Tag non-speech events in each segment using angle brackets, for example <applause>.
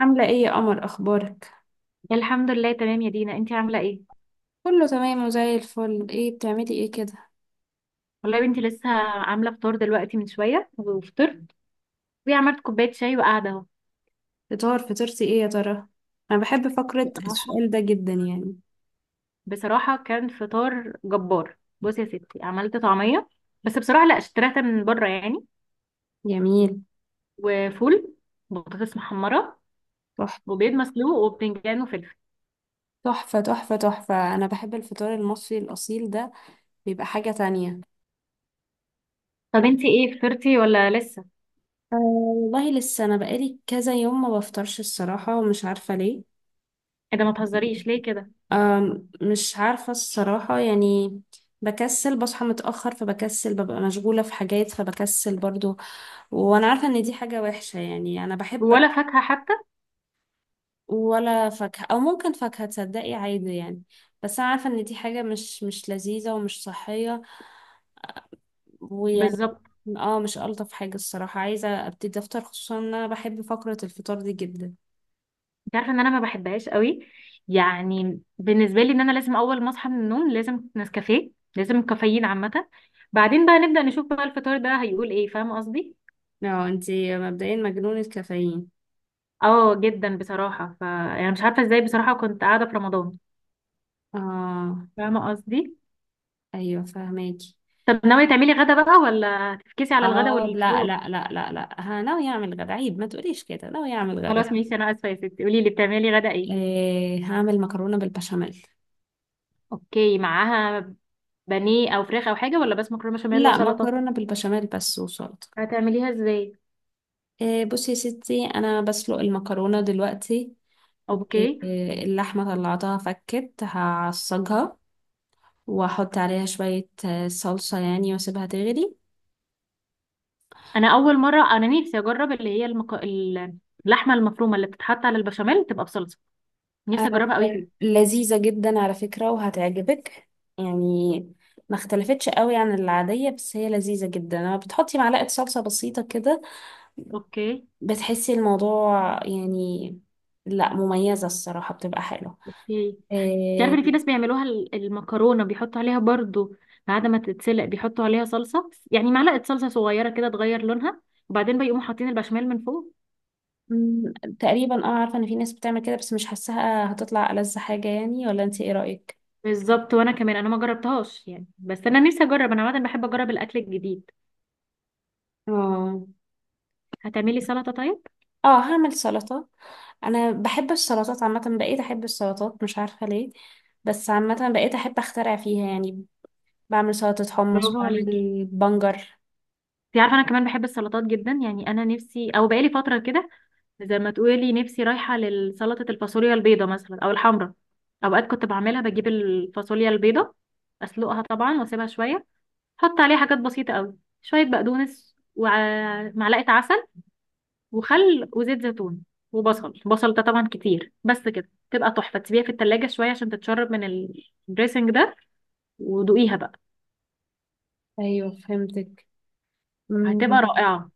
عاملة ايه يا قمر، اخبارك؟ الحمد لله، تمام يا دينا. انتي عامله ايه؟ كله تمام وزي الفل. بتعملي ايه كده؟ والله يا بنتي لسه عامله فطار دلوقتي من شويه وفطرت وعملت كوبايه شاي وقاعده اهو. فطار؟ فطرتي ايه يا ترى؟ انا بحب فقرة بصراحه السؤال ده جدا، يعني. بصراحه كان فطار جبار. بصي يا ستي، عملت طعميه، بس بصراحه لا اشتريتها من بره يعني، جميل. وفول، بطاطس محمره، تحفة، وبيض مسلوق وبتنجان وفلفل. تحفة، تحفة، تحفة. انا بحب الفطار المصري الاصيل ده. بيبقى حاجة تانية. طب انتي ايه فطرتي ولا لسه؟ أه والله، لسه. انا بقالي كذا يوم ما بفطرش الصراحة، ومش عارفة ليه. ايه ده، ما تهزريش ليه كده؟ مش عارفة الصراحة، يعني. بكسل، بصحى متأخر فبكسل، ببقى مشغولة في حاجات فبكسل برضو. وانا عارفه ان دي حاجه وحشه، يعني انا بحب. ولا فاكهه حتى؟ ولا فاكهه، او ممكن فاكهه، تصدقي عادي يعني. بس انا عارفه ان دي حاجه مش لذيذه ومش صحيه. ويعني. بالظبط. اه، مش الطف حاجه الصراحه. عايزه ابتدي افطر، خصوصا ان انا بحب فقره الفطار دي جدا. انت عارفه ان انا ما بحبهاش قوي. يعني بالنسبه لي ان انا لازم اول ما اصحى من النوم لازم نسكافيه، لازم كافيين عامه، بعدين بقى نبدا نشوف بقى الفطار ده هيقول ايه، فاهمه قصدي؟ اه، انتي مبدئيا مجنونه كافيين. اه جدا بصراحه. ف يعني مش عارفه ازاي بصراحه، كنت قاعده في رمضان. اه. فاهمه قصدي؟ ايوه فهماكي. طب ناويه تعملي غدا بقى ولا هتفكسي على الغدا اه، لا والفطار؟ لا لا لا لا، ها ناوي اعمل غدا. عيب ما تقوليش كده، ناوي اعمل غدا. خلاص ماشي، انا اسفه يا ستي. قولي لي بتعملي غدا ايه؟ إيه، هعمل مكرونه بالبشاميل. اوكي، معاها بانيه او فراخ او حاجه ولا بس مكرونه بشاميل لا، وسلطه؟ مكرونه بالبشاميل بس وسلطه. هتعمليها ازاي؟ بصي يا ستي، انا بسلق المكرونه دلوقتي. اوكي. واللحمه طلعتها فكت، هعصجها. واحط عليها شويه صلصه يعني، واسيبها تغلي. انا اول مره نفسي اجرب اللي هي اللحمه المفرومه اللي بتتحط على البشاميل تبقى بصلصه. نفسي آه. اجربها قوي كده. لذيذه جدا على فكره، وهتعجبك. يعني. ما اختلفتش قوي عن العاديه، بس هي لذيذه جدا لما بتحطي معلقه صلصه بسيطه كده. اوكي. بتحسي الموضوع، يعني. لا، مميزه الصراحه، بتبقى حلوه. اوكي. تعرف آه. ان في ناس بيعملوها، المكرونه بيحطوا عليها برضو بعد ما تتسلق، بيحطوا عليها صلصه، يعني معلقه صلصه صغيره كده تغير لونها، وبعدين بيقوموا حاطين البشاميل من فوق. مم، تقريبا اه، عارفة ان في ناس بتعمل كده، بس مش حاساها هتطلع ألذ حاجة، يعني. ولا انت ايه رأيك؟ بالظبط. وانا كمان انا ما جربتهاش يعني، بس انا نفسي اجرب. انا عاده بحب اجرب الاكل الجديد. اه. هتعملي سلطه طيب؟ اه، هعمل سلطة. انا بحب السلطات عامة، بقيت احب السلطات مش عارفة ليه. بس عامة بقيت احب اخترع فيها، يعني. بعمل سلطة حمص، برافو عليكي. بعمل بنجر. انت عارفه انا كمان بحب السلطات جدا يعني. انا نفسي، او بقالي فتره كده، زي ما تقولي نفسي رايحة لسلطة الفاصوليا البيضة مثلا أو الحمرا. أوقات كنت بعملها، بجيب الفاصوليا البيضة، أسلقها طبعا وأسيبها شوية، أحط عليها حاجات بسيطة قوي، شوية بقدونس ومعلقة عسل وخل وزيت زيتون، وبصل. بصل ده طبعا كتير، بس كده تبقى تحفة. تسيبيها في التلاجة شوية عشان تتشرب من الدريسنج ده، ودوقيها بقى. ايوه فهمتك. مم. هتبقى رائعة.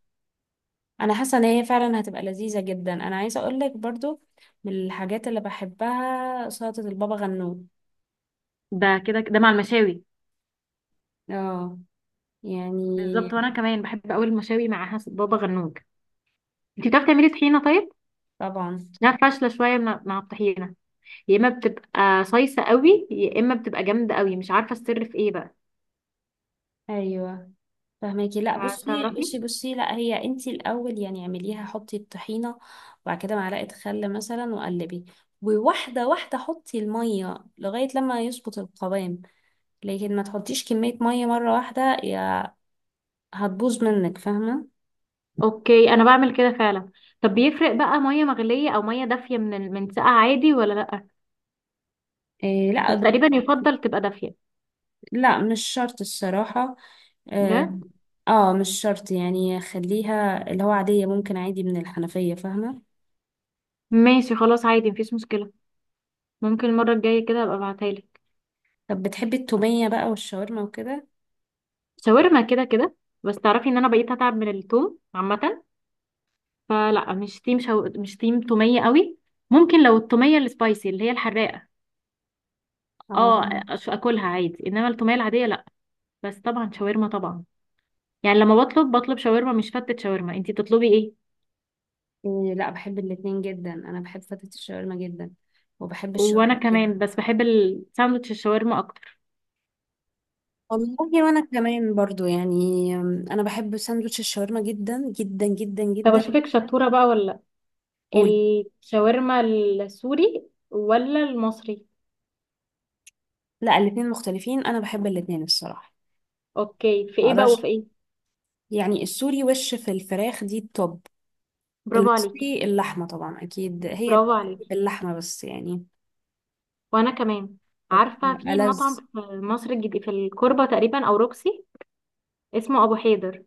انا حاسة ان هي فعلا هتبقى لذيذة جدا. انا عايزة اقولك برضو، من الحاجات اللي بحبها سلطة البابا غنوج. ده كده ده مع المشاوي. اه. يعني. بالظبط، وأنا كمان بحب أوي المشاوي مع بابا غنوج. انتي بتعرفي تعملي طحينة طيب؟ طبعا. لا، فاشلة شوية مع الطحينة. يا إما بتبقى صيصة قوي يا إما بتبقى جامدة قوي، مش عارفة السر في إيه بقى. ايوه فهماكي. لا بصي، فتعرفي. بصي، بصي. لا، هي انتي الاول يعني اعمليها، حطي الطحينه. وبعد كده معلقه خل مثلا، وقلبي. وواحده واحده حطي الميه، لغايه لما يظبط القوام. لكن ما تحطيش كميه ميه مره واحده، يا هتبوظ منك، فاهمه؟ أوكي، أنا بعمل كده فعلا. طب بيفرق بقى مية مغلية أو مية دافية من من ساقعة عادي ولا لأ؟ إيه، لا بس تقريبا ده. يفضل تبقى دافية. لا، مش شرط الصراحه. اه. لا. مش شرط، يعني خليها اللي هو عاديه، ممكن عادي من الحنفيه، فاهمه؟ ماشي خلاص عادي، مفيش مشكلة. ممكن المرة الجاية كده أبقى أبعتها لك. طب بتحبي التوميه بقى والشاورما وكده؟ شاورما كده كده. بس تعرفي إن أنا بقيت أتعب من التوم عامة، فلا، مش تيم تومية قوي. ممكن لو التومية السبايسي اللي هي الحراقة، اه. اه، اكلها عادي، انما التوميه العاديه لا. بس طبعا شاورما، طبعا. يعني لما بطلب، بطلب شاورما مش فتة شاورما. انتي بتطلبي ايه؟ إيه، لا بحب الاتنين جدا. انا بحب فتة الشاورما جدا، وبحب الشاورما وانا جدا. كمان، بس بحب الساندوتش الشاورما اكتر. والله وانا كمان برضو، يعني انا بحب ساندوتش الشاورما جدا جدا جدا طب جدا. اشوفك شطوره بقى ولا لا، وال- الشاورما السوري ولا المصري؟ لا الاتنين مختلفين، انا بحب الاتنين الصراحة. اوكي، في ما ايه بقى اقدرش. وفي ايه؟ يعني السوري وش في الفراخ دي التوب. برافو عليكي. المصري اللحمة، طبعا اكيد هي برافو عليكي. باللحمة بس، يعني. وانا كمان. طب عارفه في ألذ. مطعم في مصر الجديد، في الكوربه تقريبا او روكسي، اسمه ابو حيدر.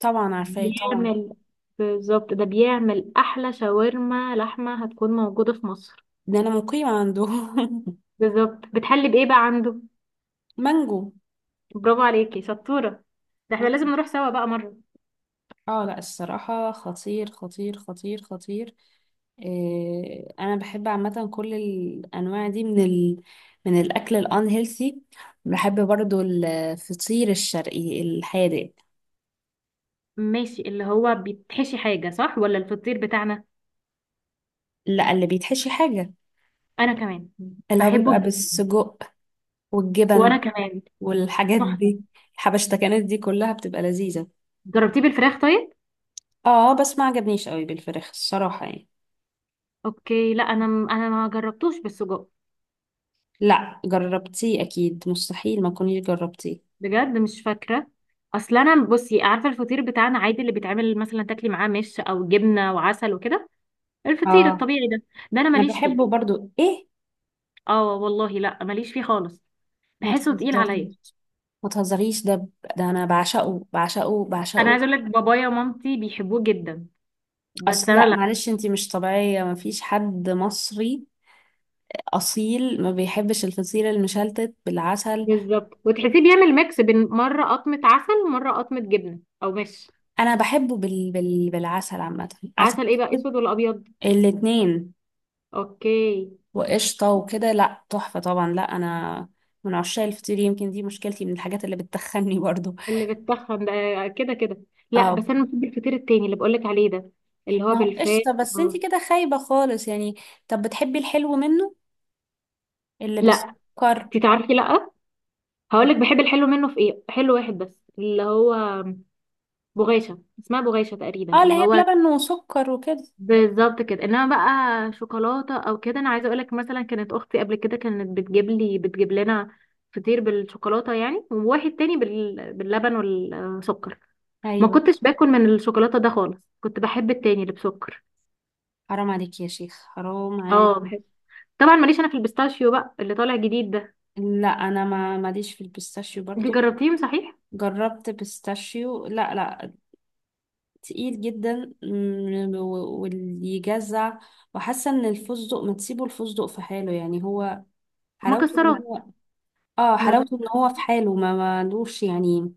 طبعا عارفاه طبعا. بيعمل، بالظبط ده بيعمل احلى شاورما لحمه هتكون موجوده في مصر. ده انا مقيمة عنده. <laughs> بالظبط. بتحلي بايه بقى عنده؟ مانجو. برافو عليكي شطوره. ده احنا لازم نروح سوا بقى مره. اه، لا الصراحة، خطير خطير خطير خطير. إيه، انا بحب عامة كل الانواع دي من ال... من الاكل الان هيلثي. بحب برضو الفطير الشرقي الحادق. ماشي، اللي هو بيتحشي حاجه، صح، ولا الفطير بتاعنا؟ لا، اللي بيتحشي حاجة. انا كمان اللي هو بحبه بيبقى جدا. بالسجق، وانا والجبن، كمان. والحاجات تحفه. دي. الحبشتكنات دي كلها بتبقى لذيذة. جربتيه بالفراخ طيب؟ اه، بس ما عجبنيش قوي بالفراخ الصراحة، يعني. اوكي، لا انا ما جربتوش بالسجق. لا جربتيه اكيد، مستحيل ما كنتيش جربتيه. بجد مش فاكره. اصل انا، بصي، عارفه الفطير بتاعنا عادي اللي بيتعمل مثلا تاكلي معاه مش او جبنه وعسل وكده، الفطير اه، الطبيعي ده، ده انا انا ماليش بحبه فيه. برضو ايه. اه والله، لا ماليش فيه خالص. ما بحسه تقيل عليا. تهزريش، ما تهزريش، ده انا بعشقه بعشقه انا بعشقه. عايزه اقول لك، بابايا ومامتي بيحبوه جدا، بس اصل انا لا لا. معلش، انتي مش طبيعية. ما فيش حد مصري اصيل ما بيحبش الفطير المشلتت بالعسل. بالظبط، وتحسيه بيعمل ميكس بين مرة قطمة عسل ومرة قطمة جبنة أو مش. انا بحبه بالعسل، عامة. عسل. عسل. إيه بقى، أسود. أسود ولا أبيض؟ الاتنين. أوكي. وقشطة وكده، لا تحفة طبعا. لا انا من عشاق الفطير، يمكن دي مشكلتي، من الحاجات اللي بتخني برضو. اللي بتخن ده، كده كده. <laughs> لا اه. بس أنا بحب الفطير التاني اللي بقولك عليه ده، اللي هو ما هو بالفراخ. قشطة، بس انتي آه. كده خايبة خالص، يعني. طب بتحبي الحلو منه، اللي لا. بالسكر؟ انتي تعرفي، لا. هقولك بحب الحلو منه في إيه، حلو واحد بس، اللي هو بغاشة، اسمها بغاشة تقريبا، اه، اللي اللي هي هو. بلبن وسكر وكده. بالظبط كده. انما بقى شوكولاته او كده، انا عايزه اقولك مثلا كانت اختي قبل كده كانت بتجيب لنا فطير بالشوكولاته يعني، وواحد تاني باللبن والسكر. ما ايوه. كنتش باكل من الشوكولاته ده خالص، كنت بحب التاني اللي بسكر. حرام عليك يا شيخ، حرام عليك. اه بحب. طبعا ماليش انا في البيستاشيو بقى اللي طالع جديد ده. لا انا ما ماليش في البيستاشيو انت برضو. جربتيه صحيح؟ جربت بيستاشيو؟ لا، لا. تقيل جدا. واللي يجزع. وحاسه ان الفستق ما تسيبه الفستق في حاله، يعني هو حلاوته ان مكسرات. هو. اه، ما... حلاوته ان هو في حاله، ما مالوش يعني،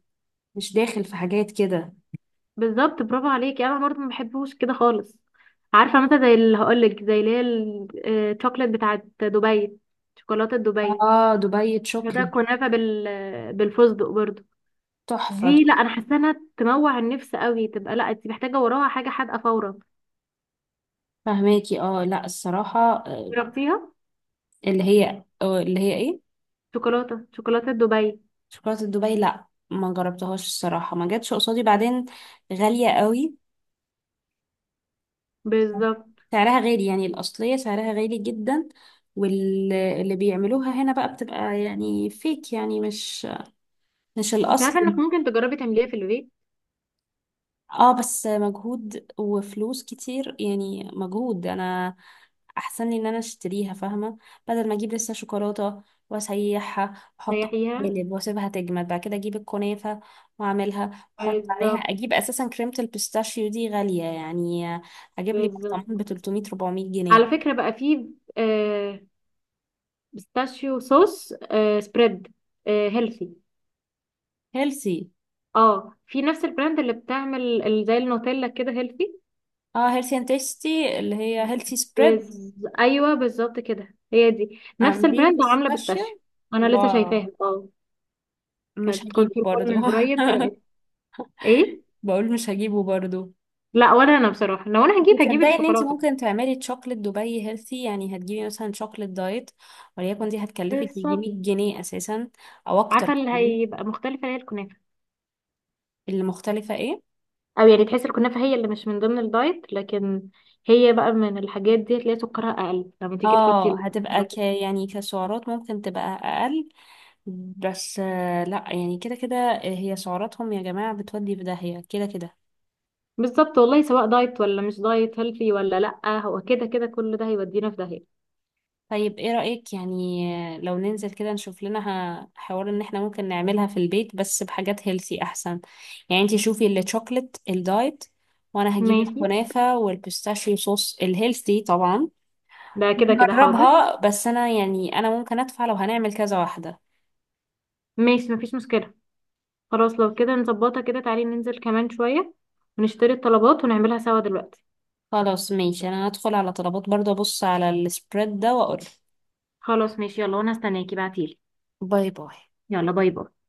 مش داخل في حاجات كده. بالظبط، برافو عليكي، انا برضه ما بحبوش كده خالص. عارفه مثلا زي اللي هقولك، زي اللي هي الشوكليت بتاعت دبي، شوكولاته دبي. اه دبي فتاة شوكلي. كنافة بالفستق برضو. تحفه، دي لا، تحفه. انا حاسه انها تموع النفس قوي، تبقى لا، انت محتاجه وراها حاجه حادقه فورا. فهماكي. اه، لا الصراحه. آه، جربتيها؟ اللي هي اللي هي ايه، شوكولاته، شوكولاته دبي. شوكولاتة دبي. لا ما جربتهاش الصراحة، ما جاتش قصادي. بعدين غالية قوي. بالظبط. سعرها غالي، يعني الأصلية سعرها غالي جدا. واللي بيعملوها هنا بقى، بتبقى يعني فيك، يعني مش مش انت الأصل. عارفه انك ممكن تجربي تعمليها في البيت؟ اه، بس مجهود وفلوس كتير، يعني مجهود. انا احسن لي ان انا اشتريها، فاهمه؟ بدل ما اجيب لسه شوكولاته، واسيحها واحطها في تريحيها. قالب، واسيبها تجمد، بعد كده اجيب الكنافه واعملها، احط عليها، بالظبط. اجيب اساسا كريمه البيستاشيو دي غاليه، يعني اجيب لي برطمان ب بالظبط. 300 400 على جنيه فكره بقى في، آه، بيستاشيو صوص، آه، سبريد، آه، هيلثي. هيلثي. اه في نفس البراند اللي بتعمل زي النوتيلا كده، هيلثي. اه هيلثي اند تيستي، اللي هي هيلثي سبريد. بز... ايوه بالظبط كده، هي دي نفس عاملين البراند عامله بيستاشيو. بيستاشيو. انا لسه شايفاها واو. اه. مش كنت هجيبه في المول برضو. من قريب، فرقت. <laughs> ايه؟ بقول مش هجيبه برضو. لا، ولا انا بصراحه، لو انا هجيب تصدقي ان انت الشوكولاته. ممكن تعملي تشوكلت دبي هيلثي، يعني هتجيبي مثلا شوكلت دايت وليكن، دي هتكلفك يجي بالظبط. 100 جنيه اساسا، او اكتر عارفه اللي كمان. هيبقى مختلفه هي الكنافه. اللي مختلفه ايه؟ او يعني تحس الكنافه هي اللي مش من ضمن الدايت، لكن هي بقى من الحاجات دي تلاقي سكرها اقل لما تيجي تحطي اه، هتبقى ك يعني كسعرات ممكن تبقى اقل. بس لا يعني كده كده، هي سعراتهم يا جماعه بتودي في داهيه كده كده. بالظبط، والله سواء دايت ولا مش دايت، هيلثي ولا لا، هو كده كده كل ده هيودينا في داهيه. طيب، ايه رأيك يعني لو ننزل كده نشوف لنا حوار ان احنا ممكن نعملها في البيت بس بحاجات هيلثي احسن؟ يعني انتي شوفي الشوكليت الدايت، وانا هجيب ماشي. الكنافة والبيستاشيو صوص الهيلثي طبعا. ده كده كده حاضر. نجربها، بس انا يعني انا ممكن ادفع لو هنعمل كذا واحدة. ماشي مفيش مشكله. خلاص، لو كده نظبطها كده. تعالي ننزل كمان شوية ونشتري الطلبات ونعملها سوا دلوقتي. خلاص ماشي، انا هدخل على طلبات برضه، ابص على السبريد ده واقول. خلاص ماشي يلا، وانا هستناكي. بعتيلي. باي باي. يلا، باي باي.